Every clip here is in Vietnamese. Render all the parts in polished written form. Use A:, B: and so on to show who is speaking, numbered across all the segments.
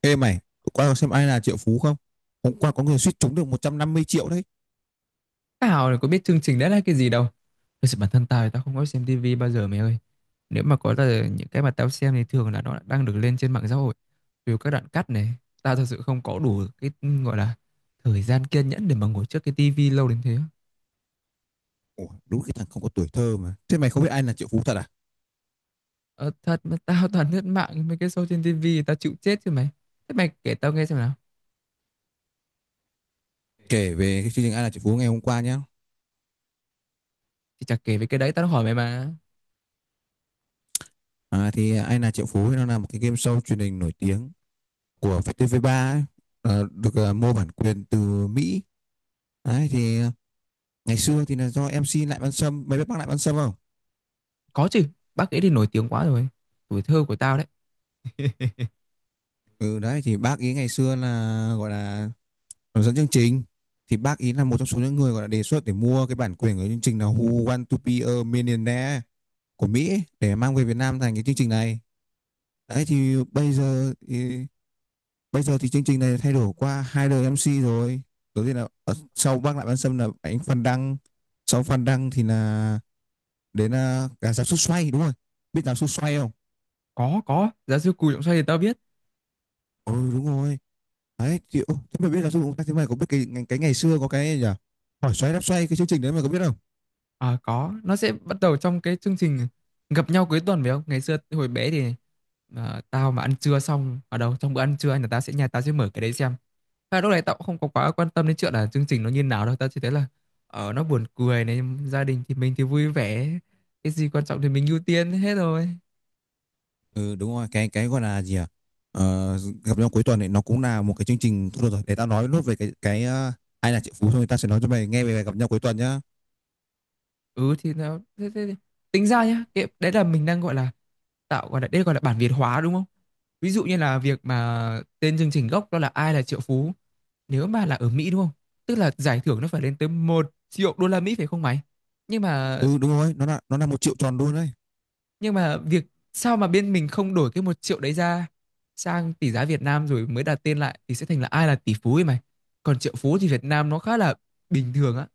A: Ê mày, tụi qua có xem ai là triệu phú không? Hôm qua có người suýt trúng được 150 triệu đấy.
B: Tao là có biết chương trình đấy là cái gì đâu. Thật sự bản thân tao thì tao không có xem tivi bao giờ mày ơi. Nếu mà có là những cái mà tao xem thì thường là nó đang được lên trên mạng xã hội. Từ các đoạn cắt này, tao thật sự không có đủ cái gọi là thời gian kiên nhẫn để mà ngồi trước cái tivi lâu đến thế.
A: Ủa, đúng cái thằng không có tuổi thơ mà. Thế mày không biết ai là triệu phú thật à?
B: Ờ, thật mà tao toàn lướt mạng mấy cái show trên tivi tao chịu chết chứ mày. Thế mày kể tao nghe xem nào.
A: Kể về cái chương trình ai là triệu phú ngày hôm qua nhá.
B: Thì chả kể về cái đấy tao đã hỏi mày mà.
A: À, thì ai là triệu phú nó là một cái game show truyền hình nổi tiếng của VTV3 ấy. Được, mua bản quyền từ Mỹ. Đấy thì ngày xưa thì là do MC Lại Văn Sâm, mày biết bác Lại Văn Sâm không?
B: Có chứ, bác ấy thì nổi tiếng quá rồi. Tuổi thơ của tao đấy.
A: Ừ, đấy thì bác ý ngày xưa là gọi là hướng dẫn chương trình, thì bác ý là một trong số những người gọi là đề xuất để mua cái bản quyền của chương trình là Who Want to Be a Millionaire của Mỹ để mang về Việt Nam thành cái chương trình này. Đấy thì bây giờ thì chương trình này thay đổi qua hai đời MC rồi. Đầu tiên là, sau bác Lại Văn Sâm là anh Phan Đăng, sau Phan Đăng thì là đến là cả giáo sư Xoay đúng rồi. Biết giáo sư Xoay không?
B: Có, giáo sư Cù Trọng Xoay thì tao biết.
A: Ừ đúng rồi. Đấy thì thế mà biết giáo sư chúng, thế mày có biết cái ngày xưa có cái gì nhỉ? Hỏi xoay đáp xoay cái chương trình đấy mày có biết không?
B: À có, nó sẽ bắt đầu trong cái chương trình gặp nhau cuối tuần phải không? Ngày xưa hồi bé thì tao mà ăn trưa xong ở đâu trong bữa ăn trưa là tao sẽ nhà tao sẽ mở cái đấy xem. Và lúc này tao cũng không có quá quan tâm đến chuyện là chương trình nó như nào đâu, tao chỉ thấy là ở nó buồn cười này, gia đình thì mình thì vui vẻ, cái gì quan trọng thì mình ưu tiên hết rồi.
A: Ừ đúng rồi, cái gọi là gì à, ờ, gặp nhau cuối tuần này nó cũng là một cái chương trình thôi. Được rồi, để tao nói nốt về cái ai là triệu phú thôi. Tao sẽ nói cho mày nghe về bài gặp nhau cuối tuần nhá.
B: Ừ thì nó thế, thế, thế. Tính ra nhá cái, đấy là mình đang gọi là tạo gọi là đây gọi là bản Việt hóa đúng không, ví dụ như là việc mà tên chương trình gốc đó là ai là triệu phú, nếu mà là ở Mỹ đúng không, tức là giải thưởng nó phải lên tới một triệu đô la Mỹ phải không mày? nhưng mà
A: Ừ đúng rồi, nó là 1 triệu tròn luôn đấy.
B: nhưng mà việc sao mà bên mình không đổi cái một triệu đấy ra sang tỷ giá Việt Nam rồi mới đặt tên lại thì sẽ thành là ai là tỷ phú ấy mày. Còn triệu phú thì Việt Nam nó khá là bình thường á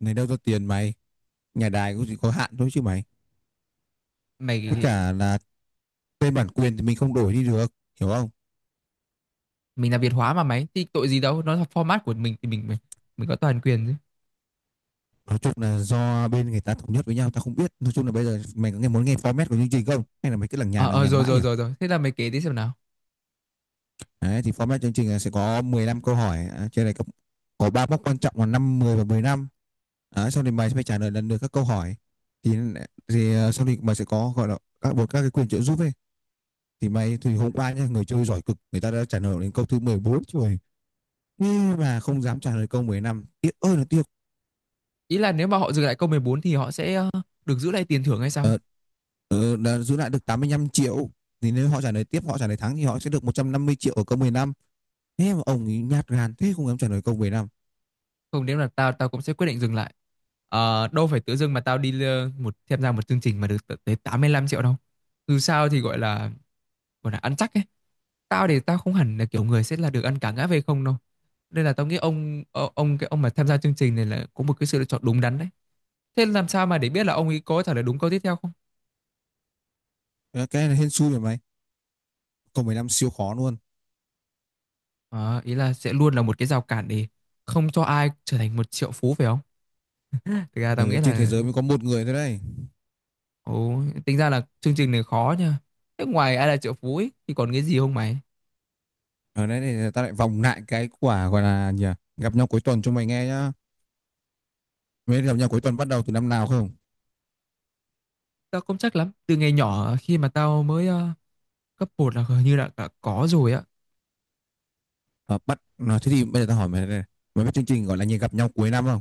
A: Này đâu ra tiền mày, nhà đài cũng chỉ có hạn thôi chứ mày.
B: mày.
A: Với cả là tên bản quyền thì mình không đổi đi được, hiểu không?
B: Mình là Việt hóa mà mày thì tội gì đâu, nó là format của mình thì mình có toàn quyền chứ.
A: Nói chung là do bên người ta thống nhất với nhau, tao không biết. Nói chung là bây giờ mày có muốn nghe format của chương trình không, hay là mày cứ lằng
B: Ờ,
A: nhằng
B: rồi
A: mãi
B: rồi
A: nhỉ?
B: rồi rồi thế là mày kể tí xem nào.
A: Đấy thì format chương trình là sẽ có 15 câu hỏi, à trên này có ba mốc quan trọng là năm 10 và 15. Đấy, sau thì mày sẽ phải trả lời lần lượt các câu hỏi thì sau thì mày sẽ có gọi là các một các cái quyền trợ giúp ấy. Thì hôm qua nhá, người chơi giỏi cực, người ta đã trả lời đến câu thứ 14 rồi nhưng mà không dám trả lời câu 15, tiếc ơi là tiếc.
B: Ý là nếu mà họ dừng lại câu 14 thì họ sẽ được giữ lại tiền thưởng hay sao?
A: ờ, đã giữ lại được 85 triệu, thì nếu họ trả lời tiếp, họ trả lời thắng thì họ sẽ được 150 triệu ở câu 15. Thế mà ông ấy nhát gan thế, không dám trả lời câu 15.
B: Không, nếu là tao tao cũng sẽ quyết định dừng lại. Ờ, đâu phải tự dưng mà tao đi tham gia một chương trình mà được tận tới 85 triệu đâu. Dù sao thì gọi là ăn chắc ấy. Tao thì tao không hẳn là kiểu người sẽ là được ăn cả ngã về không đâu. Nên là tao nghĩ ông ờ, ông cái ông mà tham gia chương trình này là có một cái sự lựa chọn đúng đắn đấy. Thế làm sao mà để biết là ông ấy có trả lời đúng câu tiếp theo không?
A: Ờ, cái này hên xui rồi mày, câu 15 siêu khó luôn.
B: Ờ, ý là sẽ luôn là một cái rào cản để không cho ai trở thành một triệu phú phải không? Thực ra tao nghĩ
A: Ừ, trên thế
B: là
A: giới mới có một người thôi đấy.
B: ồ, tính ra là chương trình này khó nha. Thế ngoài ai là triệu phú ấy, thì còn cái gì không mày?
A: Đấy thì ta lại vòng lại cái quả gọi là gì à? Gặp nhau cuối tuần cho mày nghe nhá. Mới gặp nhau cuối tuần bắt đầu từ năm nào không?
B: Tao không chắc lắm. Từ ngày nhỏ khi mà tao mới cấp 1 là hình như là đã có rồi á.
A: à, bắt Thế thì bây giờ ta hỏi mày đây này. Mày biết chương trình gọi là gì, gặp nhau cuối năm không?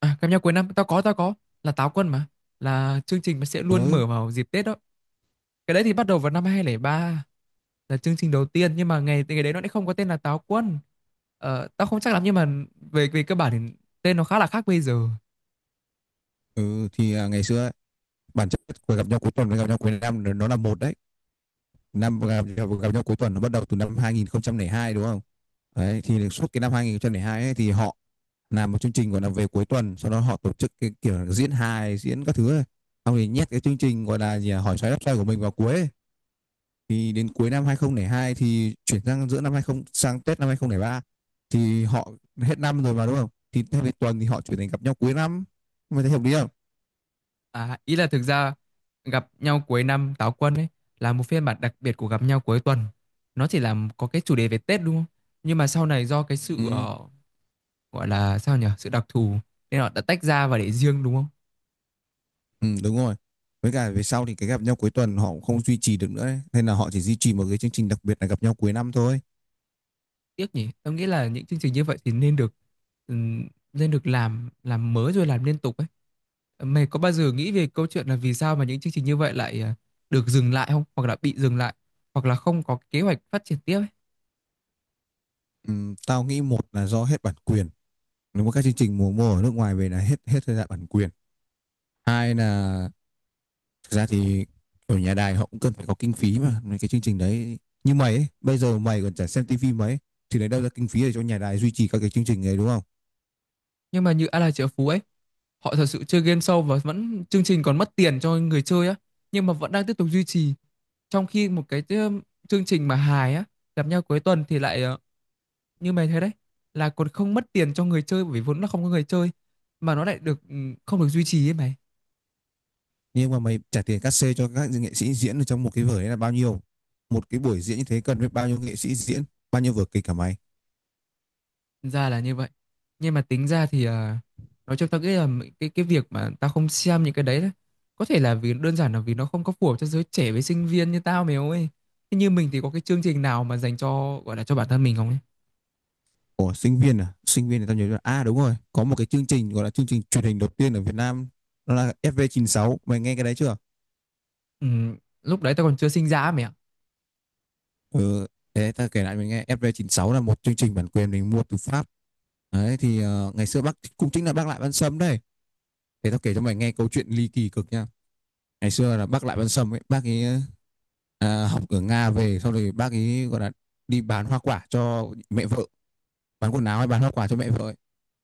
B: À, cảm giác cuối năm tao có là táo quân mà, là chương trình mà sẽ luôn
A: Ừ.
B: mở vào dịp Tết đó. Cái đấy thì bắt đầu vào năm 2003 là chương trình đầu tiên nhưng mà ngày ngày đấy nó lại không có tên là Táo Quân. Ờ, tao không chắc lắm nhưng mà về về cơ bản thì tên nó khá là khác bây giờ.
A: Ừ thì ngày xưa ấy, bản chất của gặp nhau cuối tuần với gặp nhau cuối năm nó là một đấy. Năm gặp, gặp, nhau cuối tuần nó bắt đầu từ năm 2002 đúng không? Đấy thì suốt cái năm 2002 ấy, thì họ làm một chương trình gọi là về cuối tuần, sau đó họ tổ chức cái kiểu diễn hài diễn các thứ ấy. Xong thì nhét cái chương trình gọi là gì à, hỏi xoáy đáp xoay của mình vào cuối ấy. Thì đến cuối năm 2002 thì chuyển sang giữa năm 20, sang Tết năm 2003, thì họ hết năm rồi mà đúng không? Thì theo cái tuần thì họ chuyển thành gặp nhau cuối năm. Mày thấy hợp lý không?
B: À, ý là thực ra gặp nhau cuối năm Táo Quân ấy là một phiên bản đặc biệt của gặp nhau cuối tuần. Nó chỉ là có cái chủ đề về Tết đúng không? Nhưng mà sau này do cái sự
A: Ừ.
B: gọi là sao nhỉ? Sự đặc thù nên họ đã tách ra và để riêng đúng không?
A: Ừ đúng rồi. Với cả về sau thì cái gặp nhau cuối tuần họ cũng không duy trì được nữa ấy. Nên là họ chỉ duy trì một cái chương trình đặc biệt là gặp nhau cuối năm thôi.
B: Tiếc nhỉ, em nghĩ là những chương trình như vậy thì nên được làm mới rồi làm liên tục ấy. Mày có bao giờ nghĩ về câu chuyện là vì sao mà những chương trình như vậy lại được dừng lại không, hoặc là bị dừng lại, hoặc là không có kế hoạch phát triển tiếp ấy?
A: Ừ, tao nghĩ một là do hết bản quyền. Nếu mà các chương trình mùa mùa ở nước ngoài về là hết hết thời gian bản quyền. Hai là. Thực ra thì ở nhà đài họ cũng cần phải có kinh phí mà mấy cái chương trình đấy, như mày ấy, bây giờ mày còn chả xem tivi mấy thì lấy đâu ra kinh phí để cho nhà đài duy trì các cái chương trình ấy, đúng không?
B: Nhưng mà như A La Chợ Phú ấy, họ thật sự chơi game show và vẫn chương trình còn mất tiền cho người chơi á, nhưng mà vẫn đang tiếp tục duy trì. Trong khi một cái chương trình mà hài á, gặp nhau cuối tuần thì lại như mày thấy đấy, là còn không mất tiền cho người chơi bởi vì vốn là không có người chơi, mà nó lại được không được duy trì ấy mày.
A: Nhưng mà mày trả tiền cát xê cho các nghệ sĩ diễn ở trong một cái vở đấy là bao nhiêu? Một cái buổi diễn như thế cần biết bao nhiêu nghệ sĩ diễn, bao nhiêu vở kịch cả mày.
B: Ra là như vậy. Nhưng mà tính ra thì nói chung tao nghĩ là cái việc mà tao không xem những cái đấy, đấy có thể là vì đơn giản là vì nó không có phù hợp cho giới trẻ với sinh viên như tao mày ơi. Thế như mình thì có cái chương trình nào mà dành cho gọi là cho bản thân mình không ấy?
A: Ủa, sinh viên à, sinh viên thì tao nhớ là, đúng rồi, có một cái chương trình gọi là chương trình truyền hình đầu tiên ở Việt Nam, nó là FV96, mày nghe cái đấy chưa?
B: Ừ, lúc đấy tao còn chưa sinh ra ấy mày ạ.
A: Ừ, thế ta kể lại mình nghe. FV96 là một chương trình bản quyền mình mua từ Pháp. Đấy thì ngày xưa bác cũng chính là bác Lại Văn Sâm đây. Để tao kể cho mày nghe câu chuyện ly kỳ cực nha. Ngày xưa là bác Lại Văn Sâm ấy, bác ấy học ở Nga về. Sau rồi bác ấy gọi là đi bán hoa quả cho mẹ vợ, bán quần áo hay bán hoa quả cho mẹ vợ ấy.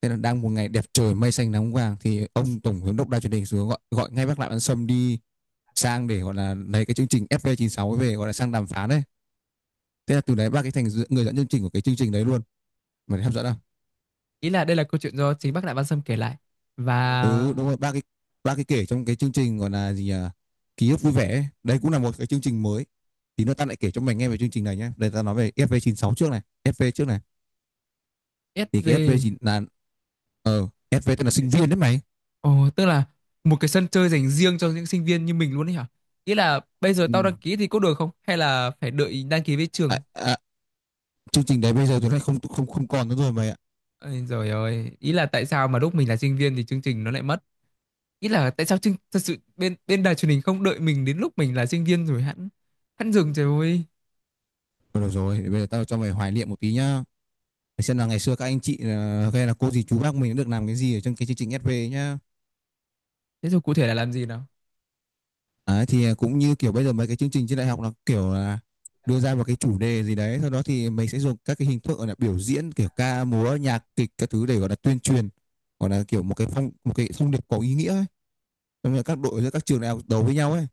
A: Thế là đang một ngày đẹp trời mây xanh nắng vàng thì ông tổng giám đốc Đài truyền hình xuống gọi gọi ngay bác Lại Văn Sâm đi sang để gọi là lấy cái chương trình FV96 ấy về, gọi là sang đàm phán đấy. Thế là từ đấy bác ấy thành người dẫn chương trình của cái chương trình đấy luôn. Mày thấy hấp dẫn không?
B: Ý là đây là câu chuyện do chính bác Đại Văn Sâm kể lại
A: Ừ
B: và
A: đúng rồi, ba cái kể trong cái chương trình gọi là gì nhỉ, ký ức vui vẻ ấy. Đấy cũng là một cái chương trình mới. Thì nữa ta lại kể cho mày nghe về chương trình này nhé. Đây ta nói về FV96 trước này, FV trước này. Thì cái
B: SV.
A: FV9 là, FV tên là sinh viên đấy mày.
B: Ồ, tức là một cái sân chơi dành riêng cho những sinh viên như mình luôn ấy hả? Ý là bây giờ tao
A: Ừ.
B: đăng ký thì có được không? Hay là phải đợi đăng ký với trường?
A: à, à, Chương trình đấy bây giờ tụi này không không không còn nữa rồi mày ạ.
B: Ôi giời ơi, ý là tại sao mà lúc mình là sinh viên thì chương trình nó lại mất? Ý là tại sao chương, thật sự bên bên đài truyền hình không đợi mình đến lúc mình là sinh viên rồi hẵng hẵng dừng trời ơi.
A: Thôi được rồi, bây giờ tao cho mày hoài niệm một tí nhá, để xem là ngày xưa các anh chị, hay là cô dì chú bác mình đã được làm cái gì ở trong cái chương trình FV nhá.
B: Thế rồi cụ thể là làm gì nào?
A: Đấy, thì cũng như kiểu bây giờ mấy cái chương trình trên đại học, nó kiểu là đưa ra một cái chủ đề gì đấy, sau đó thì mình sẽ dùng các cái hình thức gọi là biểu diễn kiểu ca múa nhạc kịch các thứ để gọi là tuyên truyền, gọi là kiểu một cái thông điệp có ý nghĩa ấy. Xong rồi các đội giữa các trường đại học đấu với nhau ấy,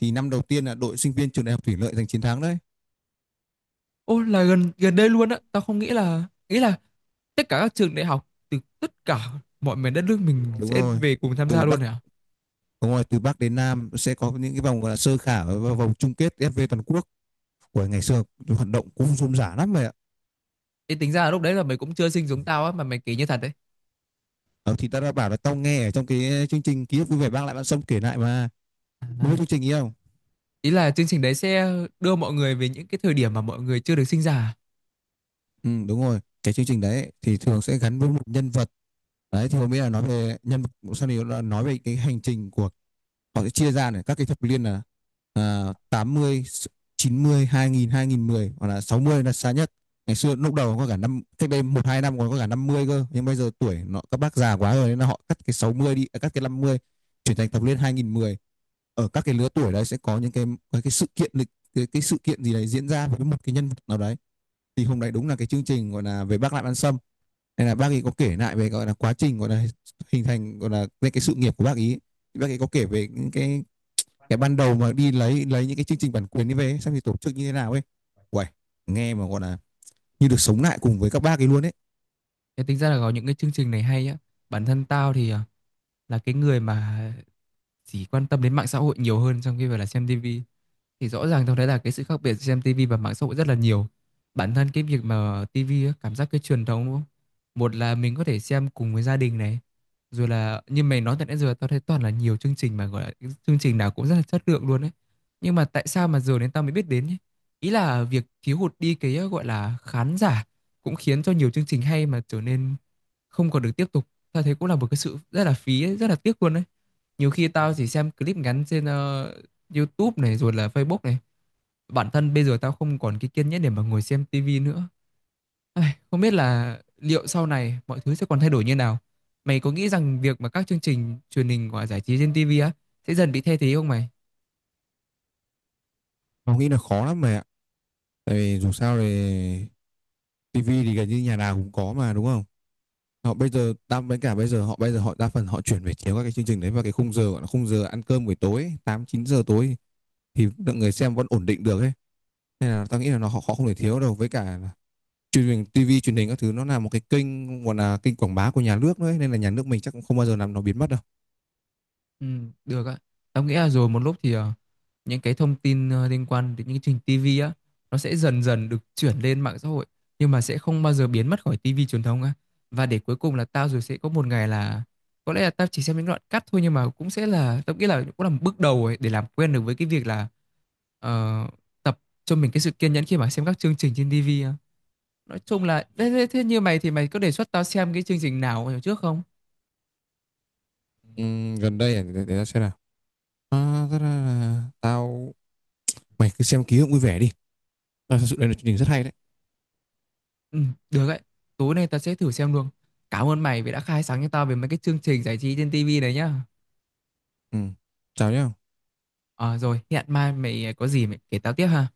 A: thì năm đầu tiên là đội sinh viên trường đại học Thủy Lợi giành chiến thắng đấy.
B: Ô là gần gần đây luôn á, tao không nghĩ là tất cả các trường đại học từ tất cả mọi miền đất nước mình
A: đúng
B: sẽ
A: rồi
B: về cùng tham gia
A: từ
B: luôn
A: bắc
B: hả?
A: Đúng rồi, từ bắc đến nam sẽ có những cái vòng gọi là sơ khảo và vòng chung kết FV toàn quốc. Của ngày xưa hoạt động cũng rôm rả lắm vậy ạ.
B: Thì tính ra là lúc đấy là mày cũng chưa sinh giống tao á mà mày kể như thật đấy.
A: Ờ, thì ta đã bảo là tao nghe ở trong cái chương trình ký ức vui vẻ mang lại bạn sông kể lại mà. Mới
B: À,
A: biết chương trình ý không?
B: ý là chương trình đấy sẽ đưa mọi người về những cái thời điểm mà mọi người chưa được sinh ra. À?
A: Ừ đúng rồi, cái chương trình đấy thì thường sẽ gắn với một nhân vật. Đấy thì hôm ấy là nói về nhân vật, sau này là nói về cái hành trình của họ. Sẽ chia ra này, các cái thập niên là, tám mươi, chín mươi, hai nghìn, hai nghìn mười, hoặc là 60 là xa nhất. Ngày xưa lúc đầu có cả năm, cách đây một hai năm còn có cả 50 cơ, nhưng bây giờ tuổi nó các bác già quá rồi nên là họ cắt cái 60 đi, cắt cái năm mươi, chuyển thành thập niên hai nghìn mười. Ở các cái lứa tuổi đấy sẽ có những cái, cái sự kiện lịch cái sự kiện gì đấy diễn ra với một cái nhân vật nào đấy. Thì hôm đấy đúng là cái chương trình gọi là về bác Lại Ăn Sâm, nên là bác ấy có kể lại về gọi là quá trình gọi là hình thành gọi là cái sự nghiệp của bác ấy. Thì bác ấy có kể về những cái ban đầu mà đi lấy những cái chương trình bản quyền đi về xem thì tổ chức như thế nào ấy. Uầy, nghe mà gọi là như được sống lại cùng với các bác ấy luôn ấy.
B: Thế tính ra là có những cái chương trình này hay á. Bản thân tao thì là cái người mà chỉ quan tâm đến mạng xã hội nhiều hơn trong khi phải là xem tivi. Thì rõ ràng tôi thấy là cái sự khác biệt giữa xem tivi và mạng xã hội rất là nhiều. Bản thân cái việc mà tivi á, cảm giác cái truyền thống đúng không, một là mình có thể xem cùng với gia đình này, rồi là như mày nói từ nãy giờ tao thấy toàn là nhiều chương trình mà gọi là cái chương trình nào cũng rất là chất lượng luôn ấy, nhưng mà tại sao mà giờ đến tao mới biết đến nhé. Ý là việc thiếu hụt đi cái gọi là khán giả cũng khiến cho nhiều chương trình hay mà trở nên không còn được tiếp tục, tao thấy cũng là một cái sự rất là phí ấy, rất là tiếc luôn đấy. Nhiều khi tao chỉ xem clip ngắn trên YouTube này rồi là Facebook này. Bản thân bây giờ tao không còn cái kiên nhẫn để mà ngồi xem TV nữa. Ai, không biết là liệu sau này mọi thứ sẽ còn thay đổi như nào. Mày có nghĩ rằng việc mà các chương trình truyền hình và giải trí trên TV á sẽ dần bị thay thế không mày?
A: Nó nghĩ là khó lắm mày ạ, tại vì dù sao thì tivi thì gần như nhà nào cũng có mà, đúng không? Họ bây giờ đa với cả bây giờ họ Bây giờ họ đa phần họ chuyển về chiếu các cái chương trình đấy vào cái khung giờ gọi là khung giờ ăn cơm buổi tối, 8, 9 giờ tối, thì lượng người xem vẫn ổn định được ấy. Nên là tao nghĩ là họ không thể thiếu đâu. Với cả truyền hình, TV truyền hình các thứ nó là một cái kênh gọi là kênh quảng bá của nhà nước đấy, nên là nhà nước mình chắc cũng không bao giờ làm nó biến mất đâu.
B: Ừ, được ạ. Em nghĩ là rồi một lúc thì những cái thông tin liên quan đến những chương trình TV á nó sẽ dần dần được chuyển lên mạng xã hội nhưng mà sẽ không bao giờ biến mất khỏi TV truyền thống á. Và để cuối cùng là tao rồi sẽ có một ngày là có lẽ là tao chỉ xem những đoạn cắt thôi nhưng mà cũng sẽ là tao nghĩ là cũng là một bước đầu ấy để làm quen được với cái việc là ờ, tập cho mình cái sự kiên nhẫn khi mà xem các chương trình trên TV á. Nói chung là thế, thế thế như mày thì mày có đề xuất tao xem cái chương trình nào trước không?
A: Gần đây à, để tao xem nào. À, ra là tao, mày cứ xem ký ức vui vẻ đi. À, thật sự đây là chương trình rất hay đấy.
B: Ừ, được đấy. Tối nay ta sẽ thử xem luôn. Cảm ơn mày vì đã khai sáng cho tao về mấy cái chương trình giải trí trên tivi này nhá.
A: Ừ. Chào nhá.
B: Ờ rồi, hẹn mai mày có gì mày kể tao tiếp ha.